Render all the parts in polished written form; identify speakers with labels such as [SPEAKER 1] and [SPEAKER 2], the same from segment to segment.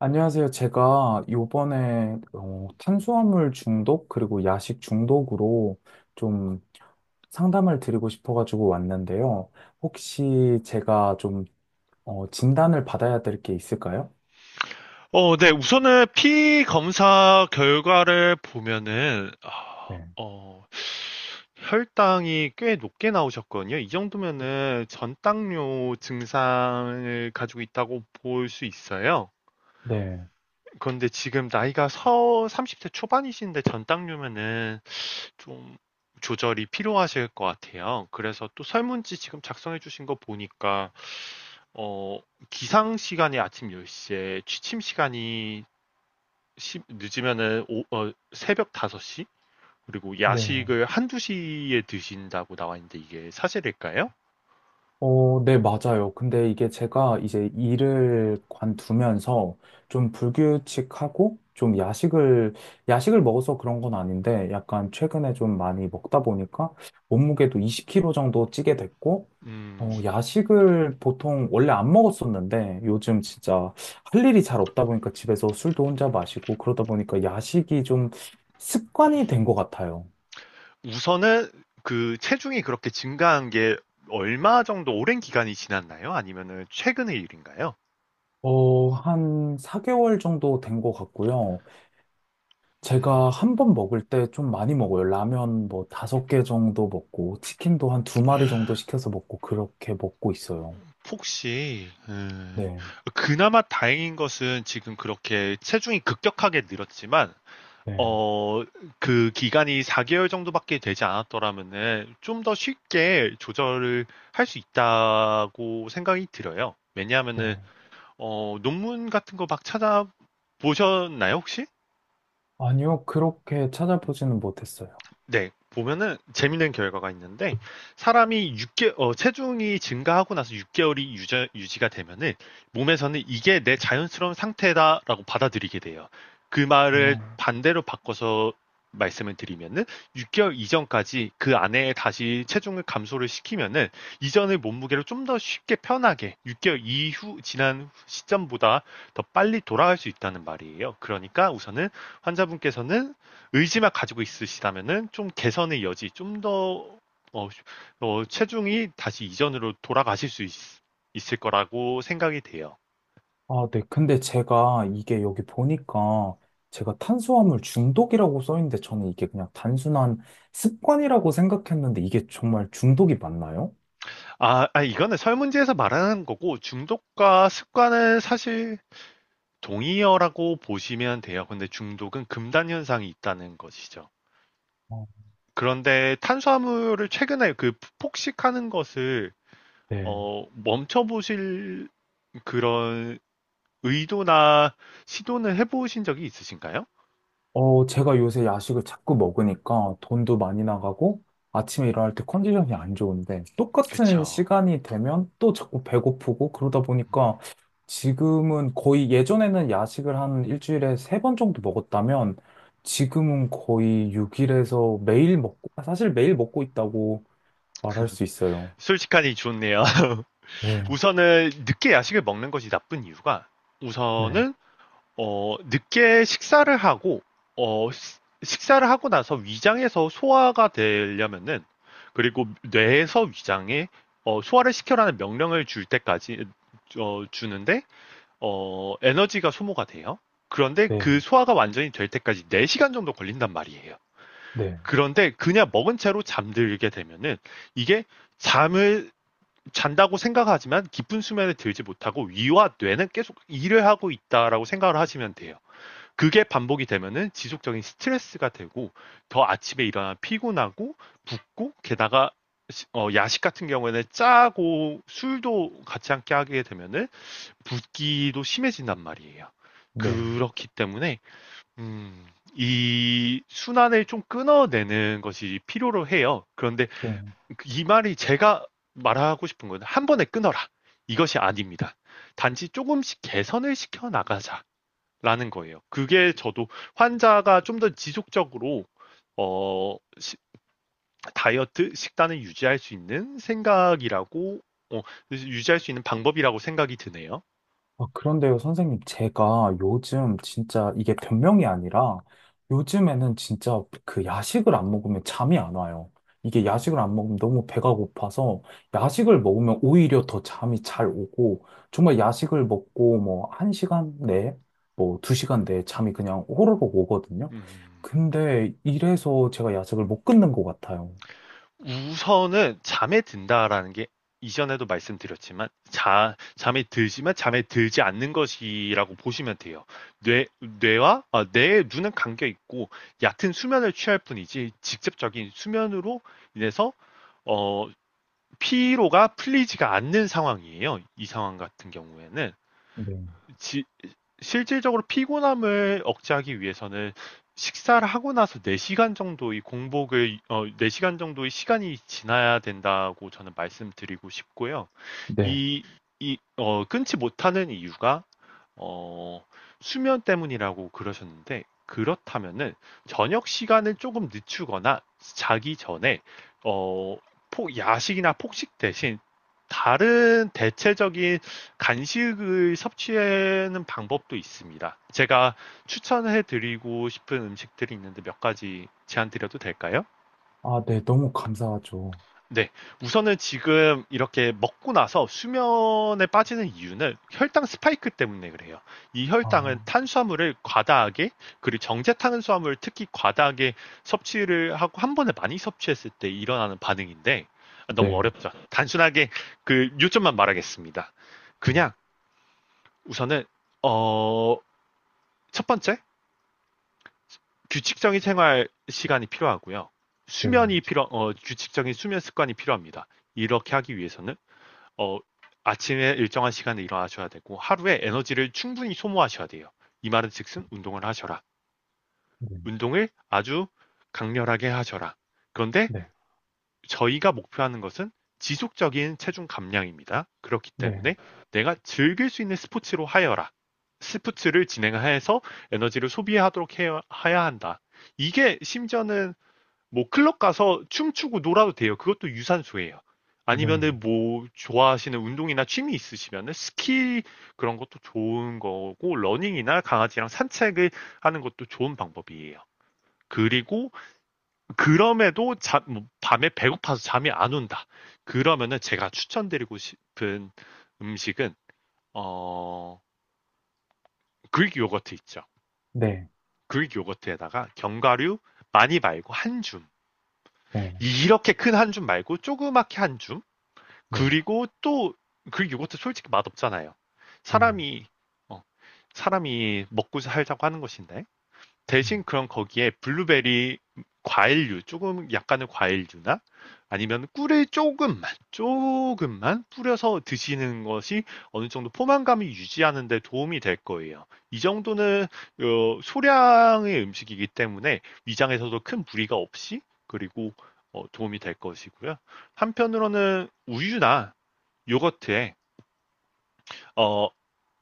[SPEAKER 1] 안녕하세요. 제가 요번에 탄수화물 중독 그리고 야식 중독으로 좀 상담을 드리고 싶어가지고 왔는데요. 혹시 제가 좀 진단을 받아야 될 게 있을까요?
[SPEAKER 2] 네. 우선은 피 검사 결과를 보면은,
[SPEAKER 1] 네.
[SPEAKER 2] 혈당이 꽤 높게 나오셨거든요. 이 정도면은 전당뇨 증상을 가지고 있다고 볼 수 있어요.
[SPEAKER 1] 네.
[SPEAKER 2] 그런데 지금 나이가 서 30대 초반이신데 전당뇨면은 좀 조절이 필요하실 것 같아요. 그래서 또 설문지 지금 작성해 주신 거 보니까 어, 기상 시간이 아침 10시에 취침 시간이 늦으면은 새벽 5시? 그리고
[SPEAKER 1] 네.
[SPEAKER 2] 야식을 한두 시에 드신다고 나와 있는데 이게 사실일까요?
[SPEAKER 1] 네, 맞아요. 근데 이게 제가 이제 일을 관두면서 좀 불규칙하고 좀 야식을 먹어서 그런 건 아닌데 약간 최근에 좀 많이 먹다 보니까 몸무게도 20kg 정도 찌게 됐고,
[SPEAKER 2] 음,
[SPEAKER 1] 야식을 보통 원래 안 먹었었는데 요즘 진짜 할 일이 잘 없다 보니까 집에서 술도 혼자 마시고 그러다 보니까 야식이 좀 습관이 된 것 같아요.
[SPEAKER 2] 우선은 그 체중이 그렇게 증가한 게 얼마 정도 오랜 기간이 지났나요? 아니면은 최근의 일인가요?
[SPEAKER 1] 한 4개월 정도 된 것 같고요.
[SPEAKER 2] 음,
[SPEAKER 1] 제가 한번 먹을 때 좀 많이 먹어요. 라면 뭐 다섯 개 정도 먹고, 치킨도 한 두 마리 정도 시켜서 먹고, 그렇게 먹고 있어요.
[SPEAKER 2] 혹시
[SPEAKER 1] 네,
[SPEAKER 2] 그나마 다행인 것은 지금 그렇게 체중이 급격하게 늘었지만
[SPEAKER 1] 네,
[SPEAKER 2] 어, 그 기간이 4개월 정도밖에 되지 않았더라면은 좀 더 쉽게 조절을 할 수 있다고 생각이 들어요. 왜냐하면은,
[SPEAKER 1] 네.
[SPEAKER 2] 논문 같은 거 막 찾아보셨나요, 혹시?
[SPEAKER 1] 아니요, 그렇게 찾아보지는 못했어요.
[SPEAKER 2] 네, 보면은 재밌는 결과가 있는데 사람이 체중이 증가하고 나서 6개월이 유지가 되면은 몸에서는 이게 내 자연스러운 상태다라고 받아들이게 돼요. 그 말을
[SPEAKER 1] 어.
[SPEAKER 2] 반대로 바꿔서 말씀을 드리면은 6개월 이전까지 그 안에 다시 체중을 감소를 시키면은 이전의 몸무게를 좀 더 쉽게 편하게 6개월 이후 지난 시점보다 더 빨리 돌아갈 수 있다는 말이에요. 그러니까 우선은 환자분께서는 의지만 가지고 있으시다면은 좀 개선의 여지, 좀 더 어, 체중이 다시 이전으로 돌아가실 수 있을 거라고 생각이 돼요.
[SPEAKER 1] 아, 네. 근데 제가 이게 여기 보니까 제가 탄수화물 중독이라고 써 있는데 저는 이게 그냥 단순한 습관이라고 생각했는데 이게 정말 중독이 맞나요?
[SPEAKER 2] 이거는 설문지에서 말하는 거고 중독과 습관은 사실 동의어라고 보시면 돼요. 근데 중독은 금단 현상이 있다는 것이죠.
[SPEAKER 1] 어,
[SPEAKER 2] 그런데 탄수화물을 최근에 그 폭식하는 것을
[SPEAKER 1] 네.
[SPEAKER 2] 멈춰보실 그런 의도나 시도는 해보신 적이 있으신가요?
[SPEAKER 1] 제가 요새 야식을 자꾸 먹으니까 돈도 많이 나가고 아침에 일어날 때 컨디션이 안 좋은데 똑같은
[SPEAKER 2] 그쵸.
[SPEAKER 1] 시간이 되면 또 자꾸 배고프고 그러다 보니까 지금은 거의 예전에는 야식을 한 일주일에 세 번 정도 먹었다면 지금은 거의 6일에서 매일 먹고, 사실 매일 먹고 있다고 말할 수 있어요.
[SPEAKER 2] 솔직하니 좋네요.
[SPEAKER 1] 네,
[SPEAKER 2] 우선은 늦게 야식을 먹는 것이 나쁜 이유가
[SPEAKER 1] 네,
[SPEAKER 2] 우선은 늦게 식사를 하고 식사를 하고 나서 위장에서 소화가 되려면은 그리고 뇌에서 위장에 소화를 시켜라는 명령을 줄 때까지 주는데 에너지가 소모가 돼요. 그런데
[SPEAKER 1] 네,
[SPEAKER 2] 그 소화가 완전히 될 때까지 4시간 정도 걸린단 말이에요.
[SPEAKER 1] 네,
[SPEAKER 2] 그런데 그냥 먹은 채로 잠들게 되면은 이게 잠을 잔다고 생각하지만 깊은 수면에 들지 못하고 위와 뇌는 계속 일을 하고 있다라고 생각을 하시면 돼요. 그게 반복이 되면은 지속적인 스트레스가 되고 더 아침에 일어나 피곤하고 붓고 게다가 야식 같은 경우에는 짜고 술도 같이 함께 하게 되면은 붓기도 심해진단 말이에요.
[SPEAKER 1] 네.
[SPEAKER 2] 그렇기 때문에 음, 이 순환을 좀 끊어내는 것이 필요로 해요. 그런데
[SPEAKER 1] 네.
[SPEAKER 2] 이 말이 제가 말하고 싶은 건 한 번에 끊어라. 이것이 아닙니다. 단지 조금씩 개선을 시켜 나가자라는 거예요. 그게 저도 환자가 좀 더 지속적으로 어, 시- 다이어트 식단을 유지할 수 있는 생각이라고 어, 유지할 수 있는 방법이라고 생각이 드네요.
[SPEAKER 1] 아, 그런데요, 선생님, 제가 요즘 진짜 이게 변명이 아니라 요즘에는 진짜 그 야식을 안 먹으면 잠이 안 와요. 이게
[SPEAKER 2] 음,
[SPEAKER 1] 야식을 안 먹으면 너무 배가 고파서 야식을 먹으면 오히려 더 잠이 잘 오고 정말 야식을 먹고 뭐 한시간 내에 뭐 두시간 내에 잠이 그냥 호로록 오거든요.
[SPEAKER 2] 음. 음.
[SPEAKER 1] 근데 이래서 제가 야식을 못 끊는 것 같아요.
[SPEAKER 2] 우선은 잠에 든다라는 게 이전에도 말씀드렸지만 잠에 들지만 잠에 들지 않는 것이라고 보시면 돼요. 뇌와 뇌의 눈은 감겨 있고 얕은 수면을 취할 뿐이지 직접적인 수면으로 인해서 어, 피로가 풀리지가 않는 상황이에요. 이 상황 같은 경우에는
[SPEAKER 1] 네.
[SPEAKER 2] 실질적으로 피곤함을 억제하기 위해서는 식사를 하고 나서 4시간 정도의 공복을, 4시간 정도의 시간이 지나야 된다고 저는 말씀드리고 싶고요.
[SPEAKER 1] 네.
[SPEAKER 2] 이, 끊지 못하는 이유가 어, 수면 때문이라고 그러셨는데, 그렇다면은 저녁 시간을 조금 늦추거나 자기 전에 어, 야식이나 폭식 대신 다른 대체적인 간식을 섭취하는 방법도 있습니다. 제가 추천해 드리고 싶은 음식들이 있는데 몇 가지 제안 드려도 될까요?
[SPEAKER 1] 아, 네. 너무 감사하죠.
[SPEAKER 2] 네. 우선은 지금 이렇게 먹고 나서 수면에 빠지는 이유는 혈당 스파이크 때문에 그래요. 이 혈당은
[SPEAKER 1] 아,
[SPEAKER 2] 탄수화물을 과다하게, 그리고 정제 탄수화물 특히 과다하게 섭취를 하고 한 번에 많이 섭취했을 때 일어나는 반응인데, 아, 너무
[SPEAKER 1] 네.
[SPEAKER 2] 어렵죠. 단순하게 그 요점만 말하겠습니다.
[SPEAKER 1] 네.
[SPEAKER 2] 그냥 우선은, 어, 첫 번째, 규칙적인 생활 시간이 필요하고요.
[SPEAKER 1] 네.
[SPEAKER 2] 규칙적인 수면 습관이 필요합니다. 이렇게 하기 위해서는 어, 아침에 일정한 시간에 일어나셔야 되고 하루에 에너지를 충분히 소모하셔야 돼요. 이 말은 즉슨 운동을 하셔라.
[SPEAKER 1] 네.
[SPEAKER 2] 운동을 아주 강렬하게 하셔라. 그런데
[SPEAKER 1] 네.
[SPEAKER 2] 저희가 목표하는 것은 지속적인 체중 감량입니다. 그렇기
[SPEAKER 1] 네.
[SPEAKER 2] 때문에 내가 즐길 수 있는 스포츠로 하여라. 스포츠를 진행해서 에너지를 소비하도록 해야 한다. 이게 심지어는 뭐 클럽 가서 춤추고 놀아도 돼요. 그것도 유산소예요.
[SPEAKER 1] 네,
[SPEAKER 2] 아니면은 뭐 좋아하시는 운동이나 취미 있으시면은 스키 그런 것도 좋은 거고 러닝이나 강아지랑 산책을 하는 것도 좋은 방법이에요. 그리고 그럼에도 자, 뭐 밤에 배고파서 잠이 안 온다. 그러면은 제가 추천드리고 싶은 음식은 어 그릭 요거트 있죠.
[SPEAKER 1] 네,
[SPEAKER 2] 그릭 요거트에다가 견과류 많이 말고 한 줌.
[SPEAKER 1] 네,
[SPEAKER 2] 이렇게 큰 한줌 말고 조그맣게 한 줌.
[SPEAKER 1] 네,
[SPEAKER 2] 그리고 또 그 요거트 솔직히 맛없잖아요.
[SPEAKER 1] 네,
[SPEAKER 2] 사람이 어, 사람이 먹고 살자고 하는 것인데
[SPEAKER 1] 음,
[SPEAKER 2] 대신 그럼 거기에 블루베리 과일류 조금 약간의 과일류나 아니면 꿀을 조금만 조금만 뿌려서 드시는 것이 어느 정도 포만감이 유지하는 데 도움이 될 거예요. 이 정도는 소량의 음식이기 때문에 위장에서도 큰 무리가 없이 그리고 도움이 될 것이고요. 한편으로는 우유나 요거트에 어,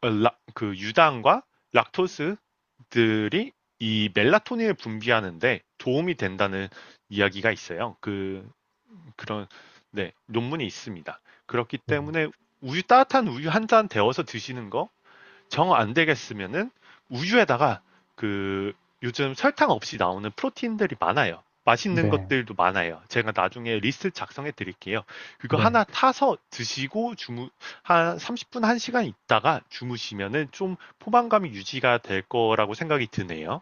[SPEAKER 2] 그 유당과 락토스들이 이 멜라토닌을 분비하는데 도움이 된다는 이야기가 있어요. 그런 네, 논문이 있습니다. 그렇기
[SPEAKER 1] 음,
[SPEAKER 2] 때문에 우유 따뜻한 우유 한 잔 데워서 드시는 거 정 안 되겠으면은 우유에다가 그 요즘 설탕 없이 나오는 프로틴들이 많아요. 맛있는
[SPEAKER 1] 네,
[SPEAKER 2] 것들도 많아요. 제가 나중에 리스트 작성해 드릴게요. 그거
[SPEAKER 1] 네.
[SPEAKER 2] 하나 타서 드시고 주무 한 30분 1시간 있다가 주무시면은 좀 포만감이 유지가 될 거라고 생각이 드네요.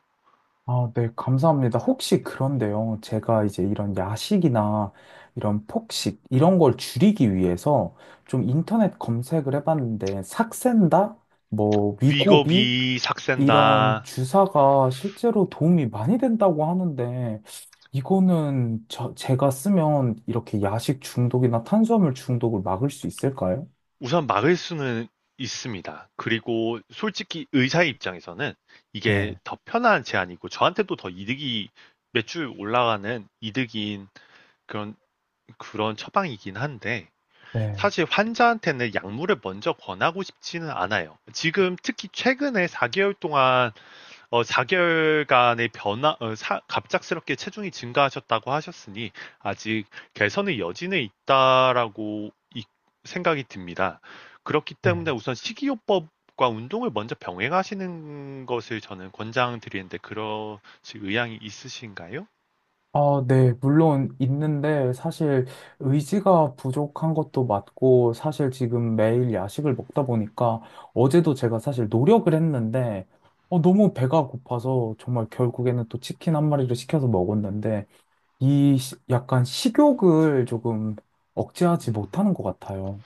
[SPEAKER 1] 아, 네, 감사합니다. 혹시 그런데요, 제가 이제 이런 야식이나 이런 폭식, 이런 걸 줄이기 위해서 좀 인터넷 검색을 해봤는데, 삭센다? 뭐, 위고비?
[SPEAKER 2] 위거비
[SPEAKER 1] 이런
[SPEAKER 2] 삭센다.
[SPEAKER 1] 주사가 실제로 도움이 많이 된다고 하는데, 이거는 저, 제가 쓰면 이렇게 야식 중독이나 탄수화물 중독을 막을 수 있을까요?
[SPEAKER 2] 우선 막을 수는 있습니다. 그리고 솔직히 의사의 입장에서는 이게
[SPEAKER 1] 네,
[SPEAKER 2] 더 편한 제안이고 저한테도 더 이득이 매출 올라가는 이득인 그런 그런 처방이긴 한데
[SPEAKER 1] 네,
[SPEAKER 2] 사실 환자한테는 약물을 먼저 권하고 싶지는 않아요. 지금 특히 최근에 4개월 동안 4개월간의 변화, 갑작스럽게 체중이 증가하셨다고 하셨으니 아직 개선의 여지는 있다라고 생각이 듭니다. 그렇기 때문에
[SPEAKER 1] 네.
[SPEAKER 2] 우선 식이요법과 운동을 먼저 병행하시는 것을 저는 권장드리는데 그러실 의향이 있으신가요?
[SPEAKER 1] 아, 네, 물론 있는데 사실 의지가 부족한 것도 맞고 사실 지금 매일 야식을 먹다 보니까 어제도 제가 사실 노력을 했는데 너무 배가 고파서 정말 결국에는 또 치킨 한 마리를 시켜서 먹었는데 이 약간 식욕을 조금 억제하지
[SPEAKER 2] 음.
[SPEAKER 1] 못하는 것 같아요.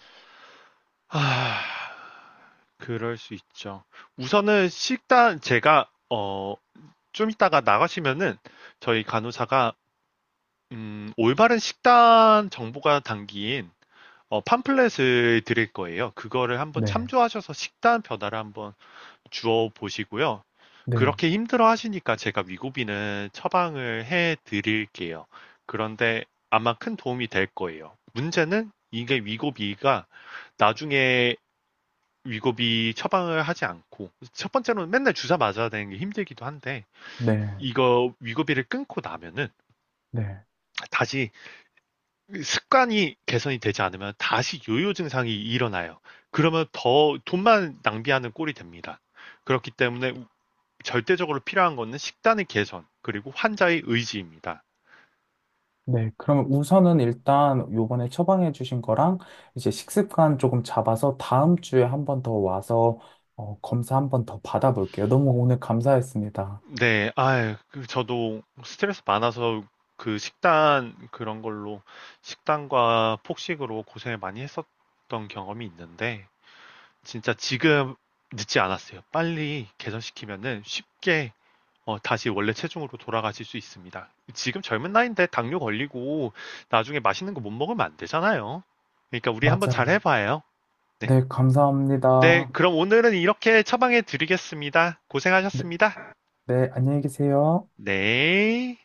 [SPEAKER 2] 아, 그럴 수 있죠. 우선은 식단 제가 좀 이따가 나가시면은 저희 간호사가 올바른 식단 정보가 담긴 팜플렛을 드릴 거예요. 그거를 한번
[SPEAKER 1] 네,
[SPEAKER 2] 참조하셔서 식단 변화를 한번 주어 보시고요.
[SPEAKER 1] 네,
[SPEAKER 2] 그렇게 힘들어 하시니까 제가 위고비는 처방을 해 드릴게요. 그런데 아마 큰 도움이 될 거예요. 문제는 이게 위고비가 나중에 위고비 처방을 하지 않고 첫 번째로는 맨날 주사 맞아야 되는 게 힘들기도 한데
[SPEAKER 1] 네,
[SPEAKER 2] 이거 위고비를 끊고 나면은
[SPEAKER 1] 네.
[SPEAKER 2] 다시 그 습관이 개선이 되지 않으면 다시 요요 증상이 일어나요. 그러면 더 돈만 낭비하는 꼴이 됩니다. 그렇기 때문에 절대적으로 필요한 것은 식단의 개선, 그리고 환자의 의지입니다.
[SPEAKER 1] 네, 그러면 우선은 일단 요번에 처방해 주신 거랑 이제 식습관 조금 잡아서 다음 주에 한 번 더 와서 검사 한 번 더 받아볼게요. 너무 오늘 감사했습니다.
[SPEAKER 2] 네, 아 저도 스트레스 많아서 그 식단 그런 걸로 식단과 폭식으로 고생을 많이 했었던 경험이 있는데 진짜 지금 늦지 않았어요. 빨리 개선시키면은 쉽게 다시 원래 체중으로 돌아가실 수 있습니다. 지금 젊은 나이인데 당뇨 걸리고 나중에 맛있는 거 못 먹으면 안 되잖아요. 그러니까 우리 한번 잘
[SPEAKER 1] 맞아요.
[SPEAKER 2] 해봐요. 네.
[SPEAKER 1] 네,
[SPEAKER 2] 네,
[SPEAKER 1] 감사합니다.
[SPEAKER 2] 그럼 오늘은 이렇게 처방해 드리겠습니다.
[SPEAKER 1] 네,
[SPEAKER 2] 고생하셨습니다.
[SPEAKER 1] 네, 안녕히 계세요.
[SPEAKER 2] 네.